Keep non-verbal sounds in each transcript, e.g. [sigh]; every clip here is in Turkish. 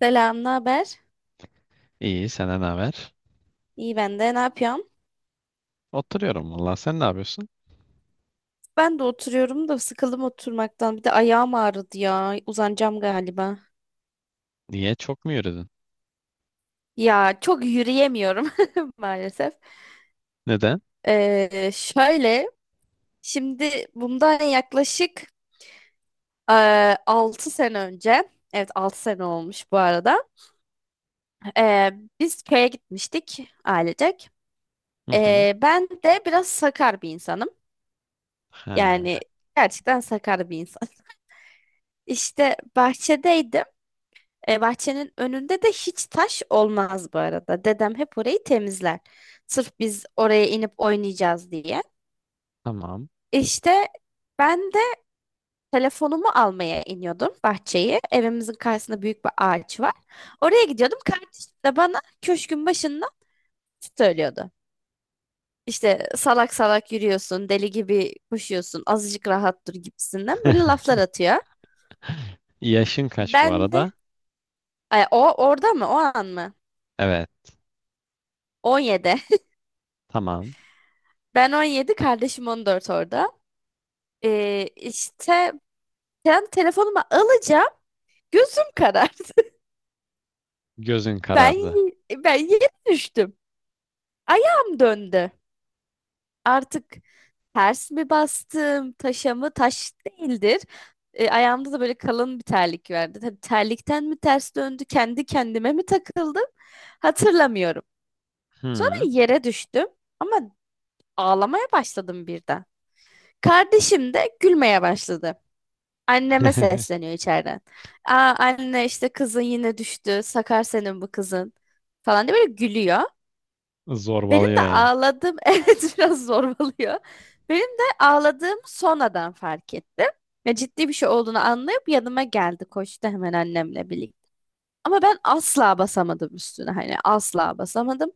Selam, ne haber? İyi, senden ne haber? İyi ben de. Ne yapıyorsun? Oturuyorum valla. Sen ne yapıyorsun? Ben de oturuyorum da sıkıldım oturmaktan. Bir de ayağım ağrıdı ya. Uzanacağım galiba. Niye? Çok mu yürüdün? Ya çok yürüyemiyorum [laughs] maalesef. Neden? Şöyle, şimdi bundan yaklaşık e, 6 sene önce, evet 6 sene olmuş bu arada. Ee, biz köye gitmiştik ailecek. Hı hı. Ben de biraz sakar bir insanım. Yani Ha, gerçekten sakar bir insan. [laughs] İşte bahçedeydim. Bahçenin önünde de hiç taş olmaz bu arada. Dedem hep orayı temizler. Sırf biz oraya inip oynayacağız diye. tamam. İşte ben de telefonumu almaya iniyordum bahçeyi. Evimizin karşısında büyük bir ağaç var. Oraya gidiyordum. Kardeşim de bana köşkün başında söylüyordu. İşte salak salak yürüyorsun, deli gibi koşuyorsun, azıcık rahat dur gibisinden böyle [laughs] laflar atıyor. Yaşın kaç bu Ben de, arada? ay, o orada mı, o an mı? Evet, 17. [laughs] tamam. Ben 17, kardeşim 14 orada. İşte ben telefonuma alacağım. Gözüm karardı. [laughs] Gözün Ben karardı. ben yere düştüm. Ayağım döndü. Artık ters mi bastım, taşa mı? Taş değildir. Ayağımda da böyle kalın bir terlik vardı. Tabii terlikten mi ters döndü, kendi kendime mi takıldım? Hatırlamıyorum. Sonra Hı. yere düştüm ama ağlamaya başladım birden. Kardeşim de gülmeye başladı. Anneme [laughs] sesleniyor içeriden. Aa anne, işte kızın yine düştü. Sakar senin bu kızın. Falan diye böyle gülüyor. Benim Zorbalıyor de yani. ağladığım [laughs] evet biraz zorbalıyor. Benim de ağladığım sonradan fark ettim. Ya ciddi bir şey olduğunu anlayıp yanıma geldi. Koştu hemen annemle birlikte. Ama ben asla basamadım üstüne. Hani asla basamadım.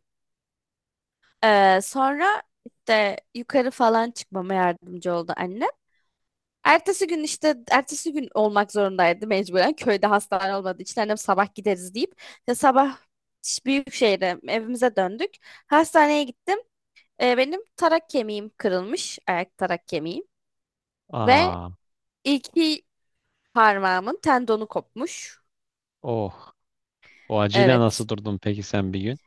Sonra işte yukarı falan çıkmama yardımcı oldu anne. Ertesi gün işte ertesi gün olmak zorundaydı mecburen. Köyde hastane olmadığı için annem sabah gideriz deyip işte sabah büyük şehre evimize döndük. Hastaneye gittim. Benim tarak kemiğim kırılmış. Ayak tarak kemiğim. Ve Aa, iki parmağımın tendonu kopmuş. oh. O acıyla nasıl Evet. durdun peki sen bir gün?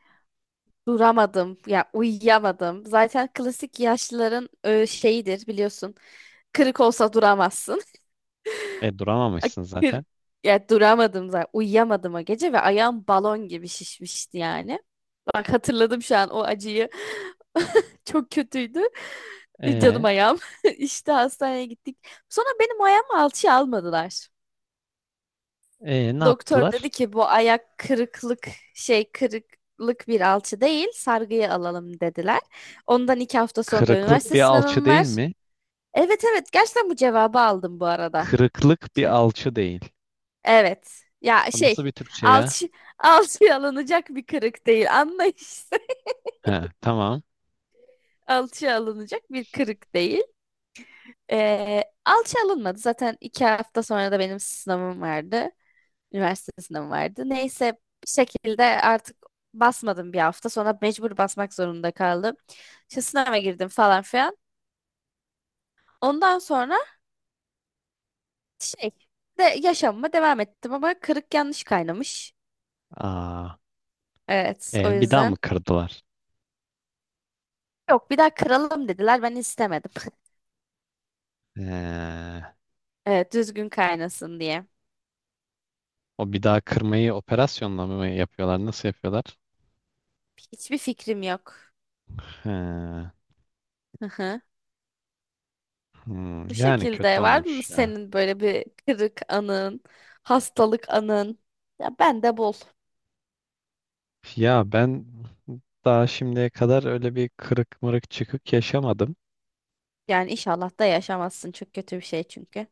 Duramadım. Ya uyuyamadım. Zaten klasik yaşlıların şeyidir biliyorsun. Kırık olsa duramazsın. E duramamışsın Kır- zaten. Ya duramadım zaten. Uyuyamadım o gece ve ayağım balon gibi şişmişti yani. Bak hatırladım şu an o acıyı. [laughs] Çok kötüydü. Canım E, ayağım. [laughs] İşte hastaneye gittik. Sonra benim ayağımı alçıya almadılar. e, ne Doktor yaptılar? dedi ki bu ayak kırıklık bir alçı değil, sargıyı alalım dediler. Ondan 2 hafta sonra da Kırıklık üniversite bir alçı sınavım değil var. mi? Evet evet, gerçekten bu cevabı aldım bu arada. Kırıklık bir alçı değil. Evet. Ya Nasıl bir Türkçe ya? alçı, [laughs] alçıya alınacak bir kırık değil. Anla işte. [laughs] He, tamam. Alçıya alınacak bir kırık değil. Alçı alınmadı. Zaten 2 hafta sonra da benim sınavım vardı. Üniversite sınavım vardı. Neyse bir şekilde artık basmadım bir hafta. Sonra mecbur basmak zorunda kaldım. İşte sınava girdim falan filan. Ondan sonra şey de yaşamıma devam ettim ama kırık yanlış kaynamış. Aa. Evet o E, bir daha mı yüzden. kırdılar? Yok, bir daha kıralım dediler. Ben istemedim. [laughs] E, Evet, düzgün kaynasın diye. o bir daha kırmayı operasyonla mı yapıyorlar? Nasıl yapıyorlar? Hiçbir fikrim yok. He, Hı hı. hmm, Bu yani kötü şekilde var mı olmuş ya. senin böyle bir kırık anın, hastalık anın? Ya ben de bul. Ya ben daha şimdiye kadar öyle bir kırık mırık çıkık yaşamadım. Yani inşallah da yaşamazsın. Çok kötü bir şey çünkü.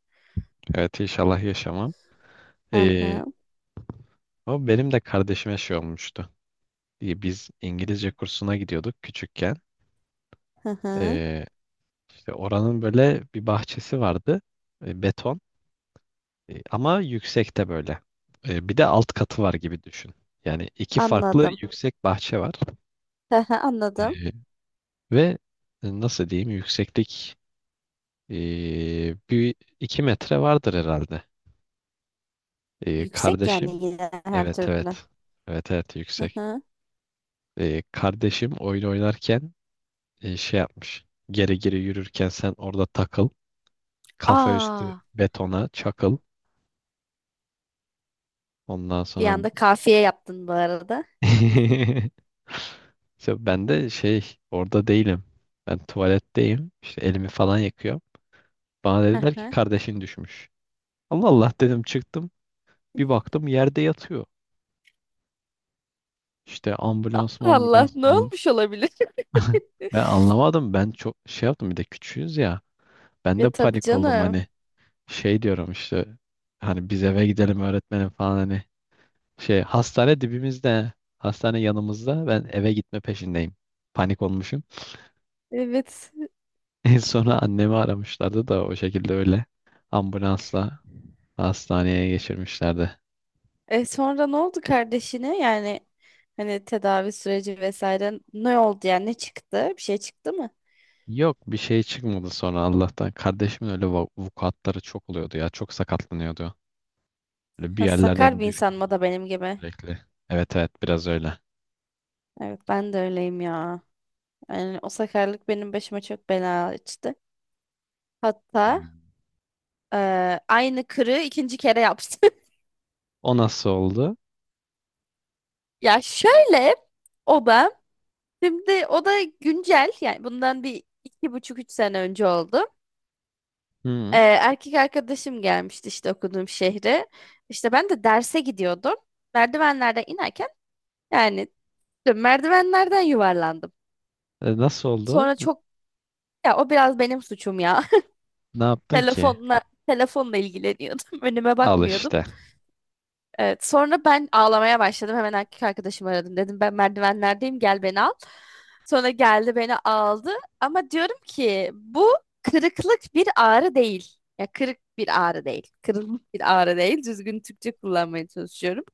Evet inşallah yaşamam. Hı E, hı, o benim de kardeşime şey olmuştu. E, biz İngilizce kursuna gidiyorduk küçükken. hı hı. E, işte oranın böyle bir bahçesi vardı. E, beton. E, ama yüksekte böyle. E, bir de alt katı var gibi düşün. Yani iki farklı Anladım. yüksek bahçe var. Hı hı, anladım. E, ve Nasıl diyeyim, yükseklik e, bir iki metre vardır herhalde. E, Yüksek kardeşim yani yine her evet türlü. evet, evet evet Hı yüksek. hı. E, kardeşim oyun oynarken şey yapmış. Geri geri yürürken sen orada takıl. Kafa üstü Aa, betona çakıl. Ondan bir sonra anda kafiye yaptın bu arada. [laughs] İşte ben de şey orada değilim. Ben tuvaletteyim. İşte elimi falan yakıyor. Bana Hı dediler ki hı. kardeşin düşmüş. Allah Allah dedim, çıktım. Bir baktım yerde yatıyor. İşte ambulans mı Allah ambulans ne falan. olmuş olabilir? [laughs] [laughs] Ben anlamadım. Ben çok şey yaptım, bir de küçüğüz ya. Ben de Ya tabii panik oldum, canım. hani şey diyorum işte, hani biz eve gidelim öğretmenim falan, hani şey, hastane dibimizde, hastane yanımızda, ben eve gitme peşindeyim. Panik olmuşum. Evet. [laughs] En sonra annemi aramışlardı da o şekilde öyle ambulansla hastaneye geçirmişlerdi. E sonra ne oldu kardeşine? Yani hani tedavi süreci vesaire ne oldu, yani ne çıktı? Bir şey çıktı mı? Yok bir şey çıkmadı sonra Allah'tan. Kardeşimin öyle va- vukuatları çok oluyordu ya. Çok sakatlanıyordu. Böyle bir Ha, sakar yerlerden bir insan mı düşüyordu o da benim gibi? sürekli. Evet evet, biraz öyle. Evet ben de öyleyim ya. Yani o sakarlık benim başıma çok bela açtı. Hatta Hmm. Aynı kırığı ikinci kere yaptı. [laughs] O nasıl oldu? Ya şöyle, o da şimdi o da güncel yani bundan bir iki buçuk üç sene önce oldu. Ee, Hı. erkek arkadaşım gelmişti işte okuduğum şehre. İşte ben de derse gidiyordum. Merdivenlerden inerken yani merdivenlerden yuvarlandım. E, nasıl oldu? Sonra N- çok, ya o biraz benim suçum ya. ne [laughs] yaptın ki? Telefonla telefonla ilgileniyordum. [laughs] Önüme Al bakmıyordum. işte. Evet, sonra ben ağlamaya başladım. Hemen erkek arkadaşımı aradım. Dedim ben merdivenlerdeyim, gel beni al. Sonra geldi beni aldı. Ama diyorum ki bu kırıklık bir ağrı değil. Ya kırık bir ağrı değil. Kırılmış bir ağrı değil. Düzgün Türkçe kullanmaya çalışıyorum.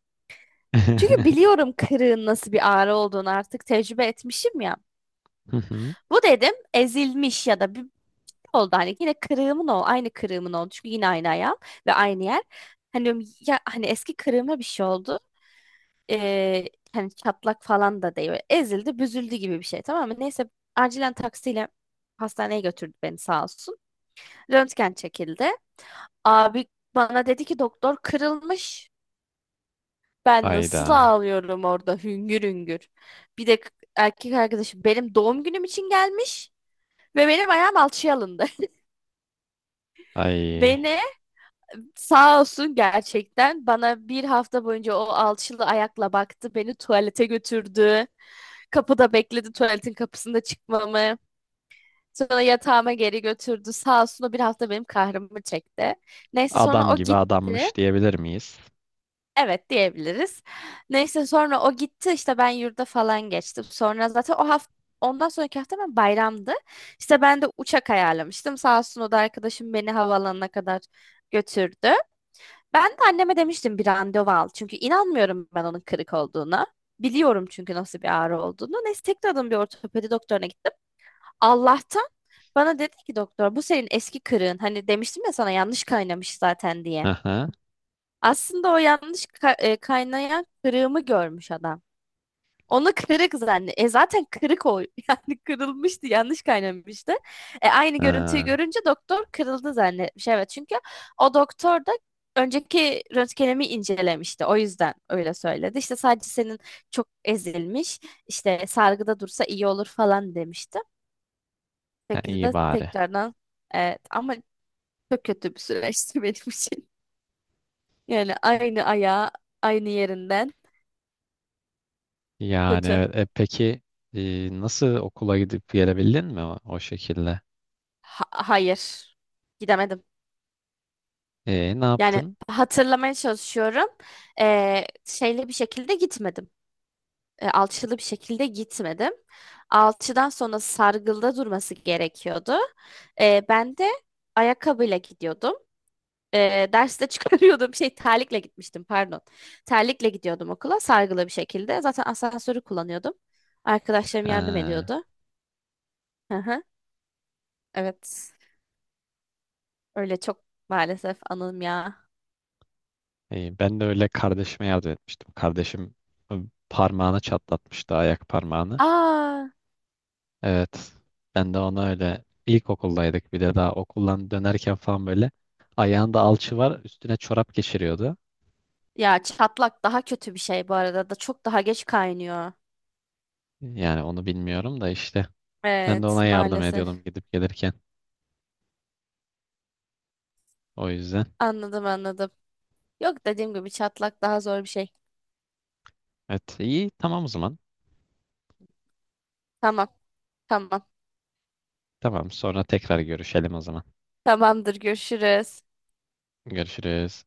Çünkü [laughs] biliyorum kırığın nasıl bir ağrı olduğunu, artık tecrübe etmişim ya. Hı hı. Bu dedim ezilmiş ya da bir oldu, hani yine kırığımın oldu. Aynı kırığımın oldu. Çünkü yine aynı ayağım ve aynı yer. Hani diyorum, ya hani eski kırığıma bir şey oldu. Ee, hani çatlak falan da değil. Böyle ezildi, büzüldü gibi bir şey, tamam mı? Neyse acilen taksiyle hastaneye götürdü beni, sağ olsun. Röntgen çekildi. Abi bana dedi ki doktor kırılmış. Ben nasıl Hayda. ağlıyorum orada hüngür hüngür. Bir de erkek arkadaşım benim doğum günüm için gelmiş ve benim ayağım alçıya alındı. [laughs] Ay. Beni, sağ olsun, gerçekten bana bir hafta boyunca o alçılı ayakla baktı. Beni tuvalete götürdü. Kapıda bekledi, tuvaletin kapısında çıkmamı. Sonra yatağıma geri götürdü. Sağ olsun, o bir hafta benim kahrımı çekti. Neyse sonra Adam o gibi gitti. adammış diyebilir miyiz? Evet diyebiliriz. Neyse sonra o gitti, işte ben yurda falan geçtim. Sonra zaten o hafta, ondan sonraki hafta ben bayramdı. İşte ben de uçak ayarlamıştım. Sağ olsun o da, arkadaşım beni havaalanına kadar götürdü. Ben de anneme demiştim bir randevu al. Çünkü inanmıyorum ben onun kırık olduğuna. Biliyorum çünkü nasıl bir ağrı olduğunu. Neyse tekrardan bir ortopedi doktoruna gittim. Allah'tan bana dedi ki doktor bu senin eski kırığın. Hani demiştim ya sana yanlış kaynamış zaten diye. Hı hı. Aslında o yanlış kaynayan kırığımı görmüş adam. Onu kırık zannet. E zaten kırık o. [laughs] Yani kırılmıştı, yanlış kaynamıştı. E aynı görüntüyü Ha, görünce doktor kırıldı zannetmiş. Evet çünkü o doktor da önceki röntgenimi incelemişti. O yüzden öyle söyledi. İşte sadece senin çok ezilmiş, işte sargıda dursa iyi olur falan demişti ha iyi şekilde bari. tekrardan, evet ama çok kötü bir süreçti [laughs] benim için. Yani aynı ayağı aynı yerinden, Yani kötü. evet. E, peki nasıl okula gidip gelebildin mi, o, o şekilde? Hayır. Gidemedim. E, ne Yani yaptın? hatırlamaya çalışıyorum. Şeyli bir şekilde gitmedim. Alçılı bir şekilde gitmedim. Alçıdan sonra sargılda durması gerekiyordu. Ben de ayakkabıyla gidiyordum. Derste çıkarıyordum [laughs] terlikle gitmiştim, pardon. Terlikle gidiyordum okula sargılı bir şekilde. Zaten asansörü kullanıyordum. Arkadaşlarım yardım Ha, ediyordu. Hı hı. Evet. Öyle çok maalesef anım ya. Ben de öyle kardeşime yardım etmiştim. Kardeşim, e, parmağını çatlatmıştı, ayak parmağını. Aa, Evet. Ben de ona öyle, ilkokuldaydık bir de, daha okuldan dönerken falan böyle, ayağında alçı var, üstüne çorap geçiriyordu. ya çatlak daha kötü bir şey bu arada, da çok daha geç kaynıyor. Yani onu bilmiyorum da, işte ben de Evet ona yardım ediyordum maalesef. gidip gelirken. O yüzden. Anladım anladım. Yok, dediğim gibi çatlak daha zor bir şey. Evet iyi, tamam o zaman. Tamam tamam. Tamam sonra tekrar görüşelim o zaman. Tamamdır, görüşürüz. Görüşürüz.